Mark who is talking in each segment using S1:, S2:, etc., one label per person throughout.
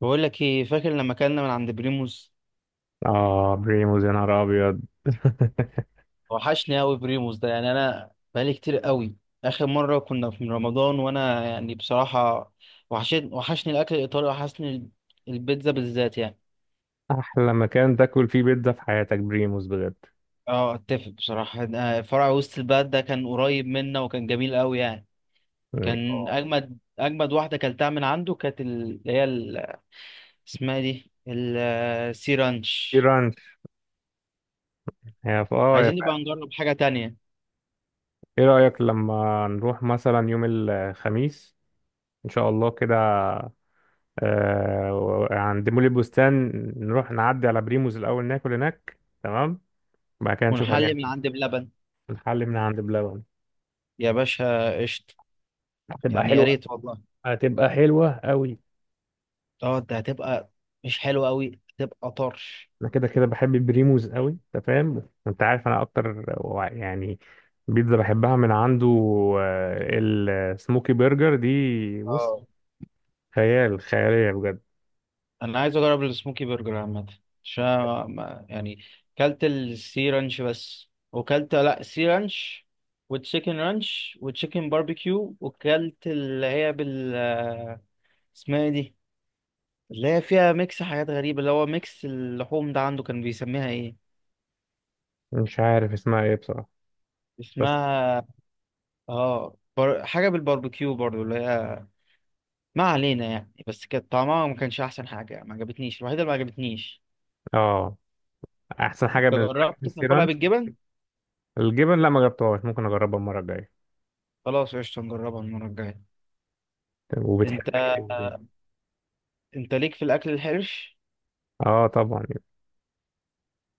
S1: بقول لك ايه، فاكر لما كنا من عند بريموس؟
S2: اه بريموز، يا نهار ابيض!
S1: وحشني قوي بريموس ده، يعني انا بقالي كتير قوي. اخر مره كنا في رمضان وانا يعني بصراحه، وحشني الاكل الايطالي، وحشني البيتزا بالذات يعني.
S2: احلى مكان تاكل فيه بيتزا في حياتك، بريموز بجد.
S1: اه، اتفق بصراحه. فرع وسط البلد ده كان قريب منا، وكان جميل قوي يعني. كان
S2: اه،
S1: اجمد اجمد واحده اكلتها من عنده، كانت ال- اللي هي ال- اسمها إيه دي السي
S2: في
S1: رانش.
S2: رانش. يا ف... اه يا ف...
S1: عايزين نبقى نجرب حاجه تانية،
S2: ايه رأيك لما نروح مثلا يوم الخميس؟ ان شاء الله كده. عند مول البستان. نروح نعدي على بريموز الاول، ناكل هناك، تمام. بعد كده نشوف
S1: ونحلي
S2: هنعمل
S1: من عند بلبن.
S2: إيه. نحل من عند بلبن.
S1: يا باشا قشطة.
S2: هتبقى
S1: يعني يا
S2: حلوة.
S1: ريت والله.
S2: هتبقى حلوة قوي.
S1: اه، ده هتبقى مش حلو قوي، هتبقى طرش.
S2: انا كده كده بحب بريموز قوي، انت فاهم، انت عارف انا اكتر يعني، بيتزا بحبها من عنده. آه، السموكي برجر دي، بص،
S1: اه،
S2: خيال، خيالية بجد.
S1: انا عايز اجرب السموكي برجر عامه، عشان أنا يعني كلت السي رانش بس، وكلت لا سي رانش وتشيكن رانش وتشيكن باربيكيو، وكلت اللي هي بال اسمها ايه دي اللي هي فيها ميكس حاجات غريبة، اللي هو ميكس اللحوم ده، عنده كان بيسميها ايه؟
S2: مش عارف اسمها ايه بصراحة، بس
S1: اسمها حاجة بالباربيكيو برضو اللي هي، ما علينا يعني، بس كانت طعمها ما كانش احسن حاجه يعني، ما عجبتنيش، الوحيده اللي ما عجبتنيش.
S2: اه، احسن حاجة
S1: انت
S2: بالنسبة لك
S1: جربت
S2: السي
S1: تاكلها
S2: رانش.
S1: بالجبن؟
S2: الجبن؟ لا، ما جربتهاش، ممكن اجربها المرة الجاية.
S1: خلاص قشطه، نجربها المره الجايه.
S2: طب،
S1: انت
S2: وبتحب ايه؟
S1: انت ليك في الاكل الحرش؟
S2: اه طبعا يعني،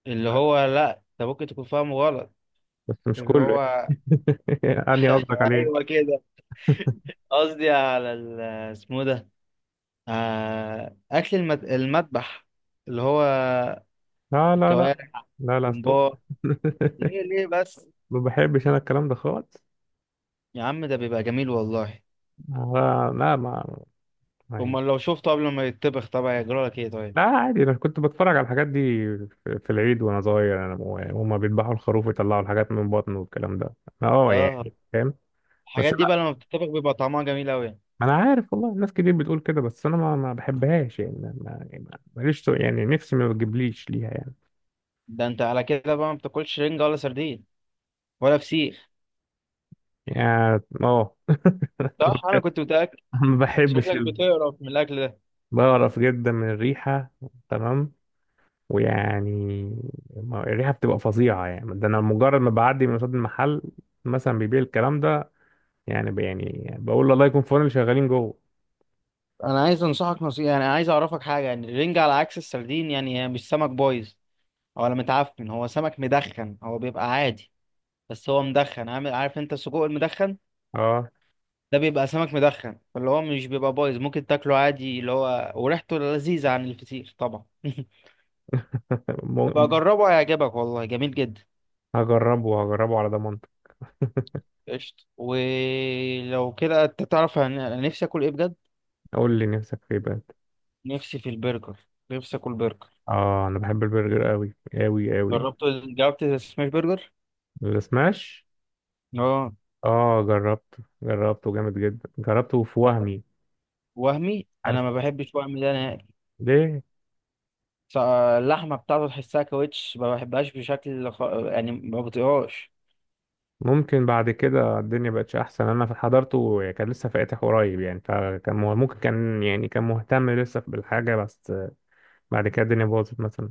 S1: اللي هو لا، انت ممكن تكون فاهمه غلط.
S2: بس مش
S1: اللي
S2: كله.
S1: هو،
S2: اني قصدك عليه.
S1: ايوه كده. قصدي على ال- اسمه ده آه، اكل المذبح، اللي هو
S2: لا، لا، لا.
S1: الكوارع،
S2: لا، لا، ستوب.
S1: بومبار. ليه ليه بس؟
S2: ما بحبش انا الكلام ده خالص.
S1: يا عم ده بيبقى جميل والله.
S2: لا، لا. ما.
S1: امال لو شفته قبل ما يتطبخ طبعا يجرى لك ايه طيب؟
S2: لا، عادي، انا كنت بتفرج على الحاجات دي في في العيد، وانا صغير، انا هما بيذبحوا الخروف ويطلعوا الحاجات من بطنه والكلام ده. أنا
S1: اه،
S2: يعني فاهم. بس
S1: الحاجات دي بقى
S2: لا،
S1: لما بتتطبخ بيبقى طعمها جميل قوي.
S2: انا عارف والله الناس كتير بتقول كده، بس انا ما بحبهاش يعني، ما ماليش يعني نفسي ما بتجيبليش ليها يعني.
S1: ده انت على كده بقى ما بتاكلش رنجة ولا سردين ولا فسيخ؟
S2: يعني اه
S1: صح، انا كنت متأكد.
S2: ما بحبش.
S1: شكلك بتقرف من الاكل ده.
S2: بقرف جدا من الريحة. تمام. ويعني، الريحة بتبقى فظيعة، يعني ده أنا مجرد ما بعدي من قصاد المحل مثلا بيبيع الكلام ده. يعني بقول الله يكون في عون اللي شغالين جوه.
S1: انا عايز انصحك نصيحة، يعني عايز اعرفك حاجة، يعني الرنجة على عكس السردين، يعني هي مش سمك بايظ ولا متعفن، هو سمك مدخن، هو بيبقى عادي. بس هو مدخن، عامل عارف انت السجق المدخن،
S2: اه
S1: ده بيبقى سمك مدخن، فاللي هو مش بيبقى بايظ، ممكن تاكله عادي، اللي هو وريحته لذيذة عن الفسيخ طبعا. يبقى
S2: م-
S1: جربه هيعجبك والله، جميل جدا.
S2: هجربه هجربه على ضمانتك.
S1: قشطة، ولو كده انت تعرف، انا نفسي اكل ايه بجد.
S2: قول لي، نفسك في ايه بقى؟
S1: نفسي في البرجر، نفسي اكل برجر.
S2: اه انا بحب البرجر قوي، قوي قوي.
S1: جربت جربت السماش برجر؟
S2: السماش؟
S1: اه.
S2: اه جربته جربته جامد جدا، جربته في
S1: طب
S2: وهمي.
S1: وهمي،
S2: عارف
S1: انا ما بحبش وهمي ده نهائي.
S2: ليه.
S1: ص- اللحمه بتاعته تحسها كاوتش، ما بحبهاش بشكل يعني ما بطيقهاش.
S2: ممكن بعد كده الدنيا بقتش احسن، انا حضرته كان لسه فاتح قريب يعني، فكان ممكن كان يعني كان مهتم لسه بالحاجه بس. بعد كده الدنيا باظت مثلا.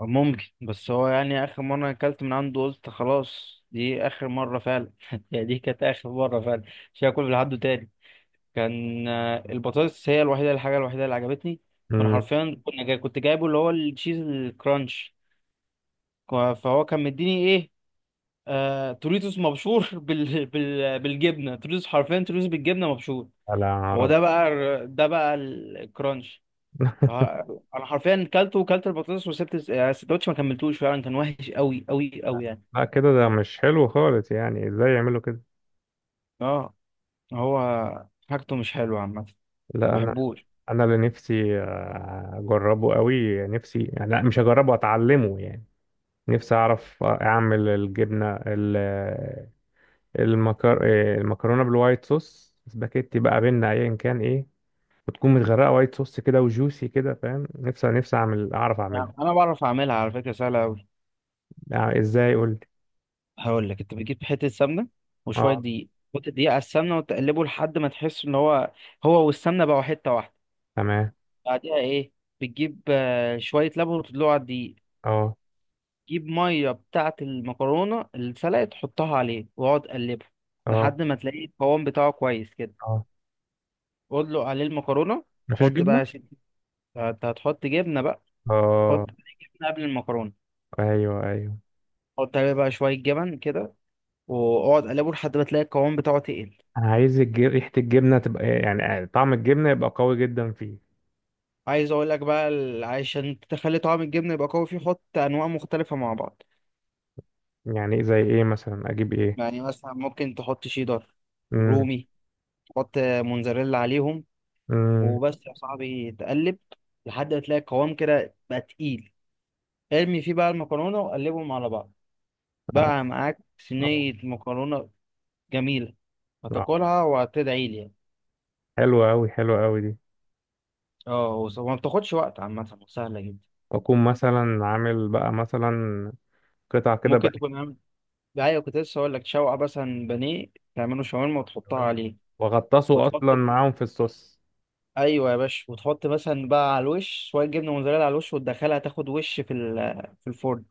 S1: ممكن، بس هو يعني اخر مره اكلت من عنده قلت خلاص دي اخر مره فعلا. يعني دي كانت اخر مره فعلا، مش هاكل من عنده تاني. كان البطاطس هي الوحيده، الحاجه الوحيده اللي عجبتني. كنا
S2: امم
S1: حرفيا كنا جاي كنت جايبه اللي هو التشيز الكرانش. فهو كان مديني ايه؟ توريتوس مبشور. بالجبنه، توريتوس، حرفيا توريتوس بالجبنه مبشور.
S2: على
S1: هو
S2: عرب.
S1: ده بقى الر- ده بقى الكرانش. انا حرفيا كلته وكلت البطاطس، وسبت يعني السندوتش، ما كملتوش فعلا، كان وحش قوي قوي قوي يعني.
S2: لا، كده ده مش حلو خالص، يعني ازاي يعملوا كده؟
S1: اه، هو حاجته مش حلوه عامه، ما
S2: لا انا.
S1: بحبوش.
S2: انا اللي نفسي اجربه قوي، نفسي يعني، لا مش اجربه، اتعلمه يعني. نفسي اعرف اعمل الجبنه المكر... المكرونه بالوايت صوص سباكيتي بقى بينا ايا كان ايه، وتكون متغرقه وايت صوص كده وجوسي كده، فاهم؟ نفسي اعرف
S1: يعني
S2: اعملها،
S1: انا بعرف اعملها على فكره، سهله أوي.
S2: يعني ازاي؟ قول لي.
S1: هقول لك، انت بتجيب حته سمنه وشويه
S2: اه.
S1: دقيق، وتحط الدقيق على السمنه وتقلبه لحد ما تحس ان هو والسمنه بقوا حته واحده.
S2: تمام.
S1: بعدها ايه؟ بتجيب شويه لبن وتدلقه على الدقيق.
S2: اه،
S1: تجيب ميه بتاعه المكرونه السلقه، تحطها عليه واقعد قلبه
S2: اه،
S1: لحد ما تلاقي القوام بتاعه كويس كده.
S2: اه.
S1: واطلق عليه المكرونه.
S2: مفيش
S1: وحط بقى يا
S2: جبنه؟
S1: انت هتحط جبنه بقى. حط
S2: اه.
S1: جبنه قبل المكرونه.
S2: ايوه، ايوه.
S1: حط عليه بقى شويه جبن كده، واقعد قلبه لحد ما تلاقي القوام بتاعه تقل.
S2: عايز ريحة الجبنة تبقى إيه، يعني طعم الجبنة يبقى قوي جدا فيه.
S1: عايز اقول لك بقى، عشان تخلي طعم الجبنه يبقى قوي فيه، حط انواع مختلفه مع بعض.
S2: يعني إيه؟ زي ايه مثلا؟ اجيب ايه؟
S1: يعني مثلا ممكن تحط شيدر،
S2: امم
S1: رومي، تحط موتزاريلا عليهم.
S2: امم
S1: وبس يا صاحبي، تقلب لحد ما تلاقي القوام كده بقى تقيل. ارمي فيه بقى المكرونه وقلبهم على بعض.
S2: آه،
S1: بقى معاك
S2: آه،
S1: صينيه مكرونه جميله،
S2: آه.
S1: هتاكلها وهتدعي لي يعني.
S2: حلوة اوي، حلوة اوي دي.
S1: اه، وما بتاخدش وقت عامه، وسهله جدا.
S2: اكون مثلا عامل بقى، مثلا قطع كده بقى،
S1: ممكن تكون عامل، ايوه، كنت لسه اقول لك شوقه مثلا بانيه تعمله شاورما وتحطها عليه،
S2: واغطسه
S1: وتحط
S2: اصلا معاهم في الصوص.
S1: ايوه يا باشا، وتحط مثلا بقى على الوش شويه جبنه موزاريلا على الوش، وتدخلها تاخد وش في في الفرن.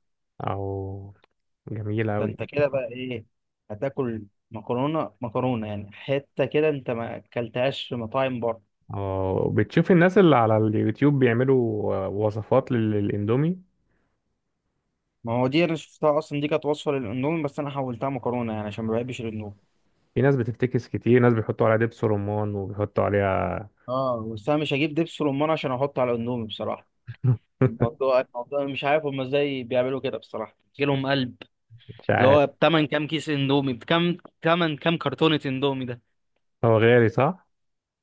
S2: او، جميلة
S1: ده
S2: اوي.
S1: انت كده بقى ايه؟ هتاكل مكرونه مكرونه يعني، حته كده انت ما اكلتهاش في مطاعم بره.
S2: اه بتشوف الناس اللي على اليوتيوب بيعملوا وصفات للاندومي،
S1: ما هو دي انا شفتها اصلا، دي كانت وصفه للاندومي بس انا حولتها مكرونه يعني، عشان ما بحبش الاندومي.
S2: في ناس بتفتكس، كتير ناس بيحطوا عليها دبس رمان وبيحطوا عليها.
S1: اه بس انا مش هجيب دبس رمان عشان احطه على الاندومي بصراحه. الموضوع مش عارف هم ازاي بيعملوا كده بصراحه، جيلهم قلب.
S2: مش
S1: اللي
S2: عارف.
S1: هو بتمن كام كيس اندومي؟ بكام تمن كام كرتونه اندومي؟
S2: هو غالي، صح؟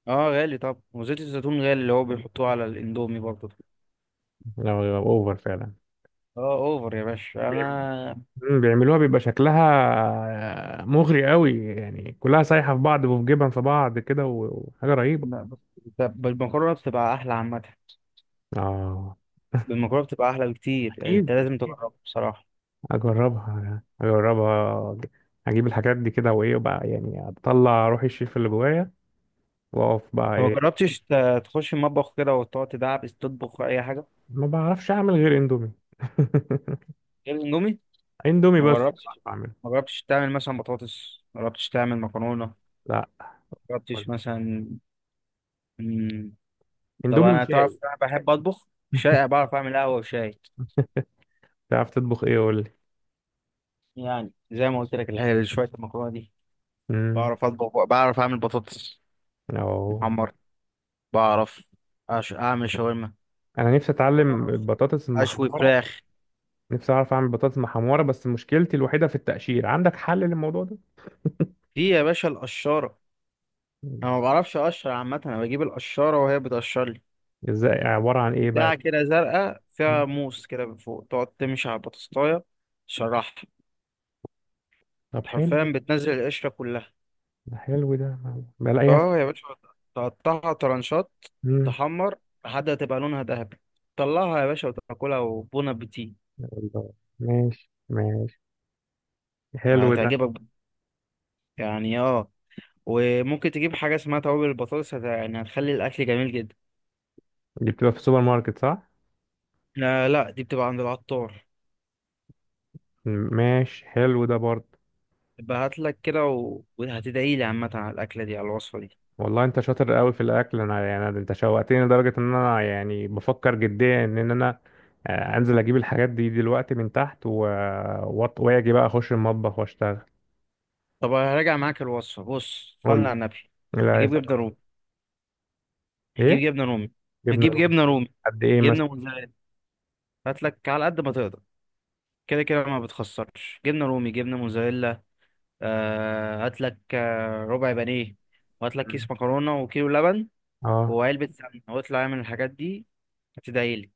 S1: اه غالي. طب وزيت الزيتون غالي اللي هو بيحطوه على الاندومي برضه.
S2: لو اوفر فعلا.
S1: اه اوفر يا باشا،
S2: بيعم-
S1: انا
S2: بيعملوها بيبقى شكلها مغري قوي، يعني كلها سايحة في بعض وفي جبن في بعض كده وحاجة رهيبة.
S1: لا بس. طب بالمكرونه بتبقى احلى عامه.
S2: اه،
S1: بالمكرونه بتبقى احلى بكتير يعني، انت
S2: اكيد
S1: لازم
S2: اكيد،
S1: تجربها بصراحه.
S2: اجربها اجربها اجيب الحاجات دي كده، وايه بقى يعني؟ اطلع روح الشيف اللي جوايا، واقف بقى
S1: لو ما
S2: ايه.
S1: جربتش، تخش المطبخ كده وتقعد تدعبس تطبخ اي حاجه
S2: ما بعرفش اعمل غير اندومي.
S1: غير الاندومي.
S2: اندومي
S1: ما
S2: بس بعرف
S1: جربتش
S2: اعمله.
S1: ما جربتش تعمل مثلا بطاطس، ما جربتش تعمل مكرونه، ما
S2: لا.
S1: جربتش
S2: قولي.
S1: مثلا؟ مم، طب
S2: اندومي
S1: انا
S2: وشاي.
S1: تعرف، انا بحب اطبخ شاي، بعرف اعمل قهوه وشاي.
S2: تعرف تطبخ ايه؟ قول لي.
S1: يعني زي ما قلت لك، الحاجه شويه المكرونه دي،
S2: امم
S1: بعرف اطبخ، بعرف اعمل بطاطس
S2: اه.
S1: محمر، بعرف اعمل شاورما،
S2: انا نفسي اتعلم
S1: بعرف
S2: البطاطس
S1: اشوي
S2: المحمرة.
S1: فراخ.
S2: نفسي اعرف اعمل بطاطس محمره، بس مشكلتي الوحيده في التقشير، عندك حل للموضوع ده؟
S1: دي يا باشا القشاره.
S2: مم.
S1: انا ما بعرفش اقشر عامه، انا بجيب القشاره وهي بتقشر لي.
S2: ازاي؟ عباره عن ايه بقى؟
S1: بتاعه كده زرقاء فيها
S2: مم.
S1: موس كده من فوق، تقعد تمشي على البطاطسايه تشرحها.
S2: طب، حلو.
S1: حرفيا بتنزل القشره كلها.
S2: ده حلو ده. بلاقيها في.
S1: اه يا باشا، تقطعها طرنشات،
S2: مم.
S1: تحمر لحد ما تبقى لونها ذهبي، طلعها يا باشا وتاكلها، وبون ابيتي.
S2: الله. ماشي، ماشي. حلو ده.
S1: هتعجبك يعني، اه. وممكن تجيب حاجة اسمها توابل البطاطس، يعني هتخلي الأكل جميل جدا.
S2: دي بتبقى في السوبر ماركت، صح؟
S1: لا، لا، دي بتبقى عند العطار.
S2: مم. ماشي، حلو ده برضه.
S1: يبقى هاتلك كده، وهتدعي لي عامة على الأكلة دي، على الوصفة دي.
S2: والله انت شاطر قوي في الاكل، انا يعني انت شوقتني لدرجه ان انا يعني بفكر جديا ان انا انزل اجيب الحاجات دي دلوقتي من تحت واجي بقى اخش المطبخ واشتغل.
S1: طب هراجع معاك الوصفة، بص صلي
S2: قول
S1: على النبي.
S2: لي. لا، يا
S1: هجيب جبنة
S2: سلام.
S1: رومي،
S2: ايه؟
S1: هجيب جبنة رومي،
S2: جبنه
S1: هجيب
S2: رومي؟
S1: جبنة رومي،
S2: قد ايه
S1: جبنة
S2: مثلا؟
S1: موزاريلا. هاتلك على قد ما تقدر. كده كده ما بتخسرش، جبنة رومي، جبنة موزاريلا. هاتلك ربع بانيه، وهاتلك كيس مكرونة وكيلو لبن،
S2: اه.
S1: وعلبة سمنة، واطلع اعمل الحاجات دي، هتدعي لي.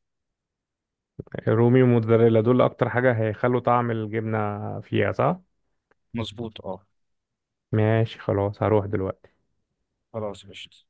S2: رومي وموتزاريلا دول اكتر حاجة هيخلوا طعم الجبنة فيها، صح؟
S1: مظبوط اه.
S2: ماشي خلاص، هروح دلوقتي.
S1: خلاص قشطة.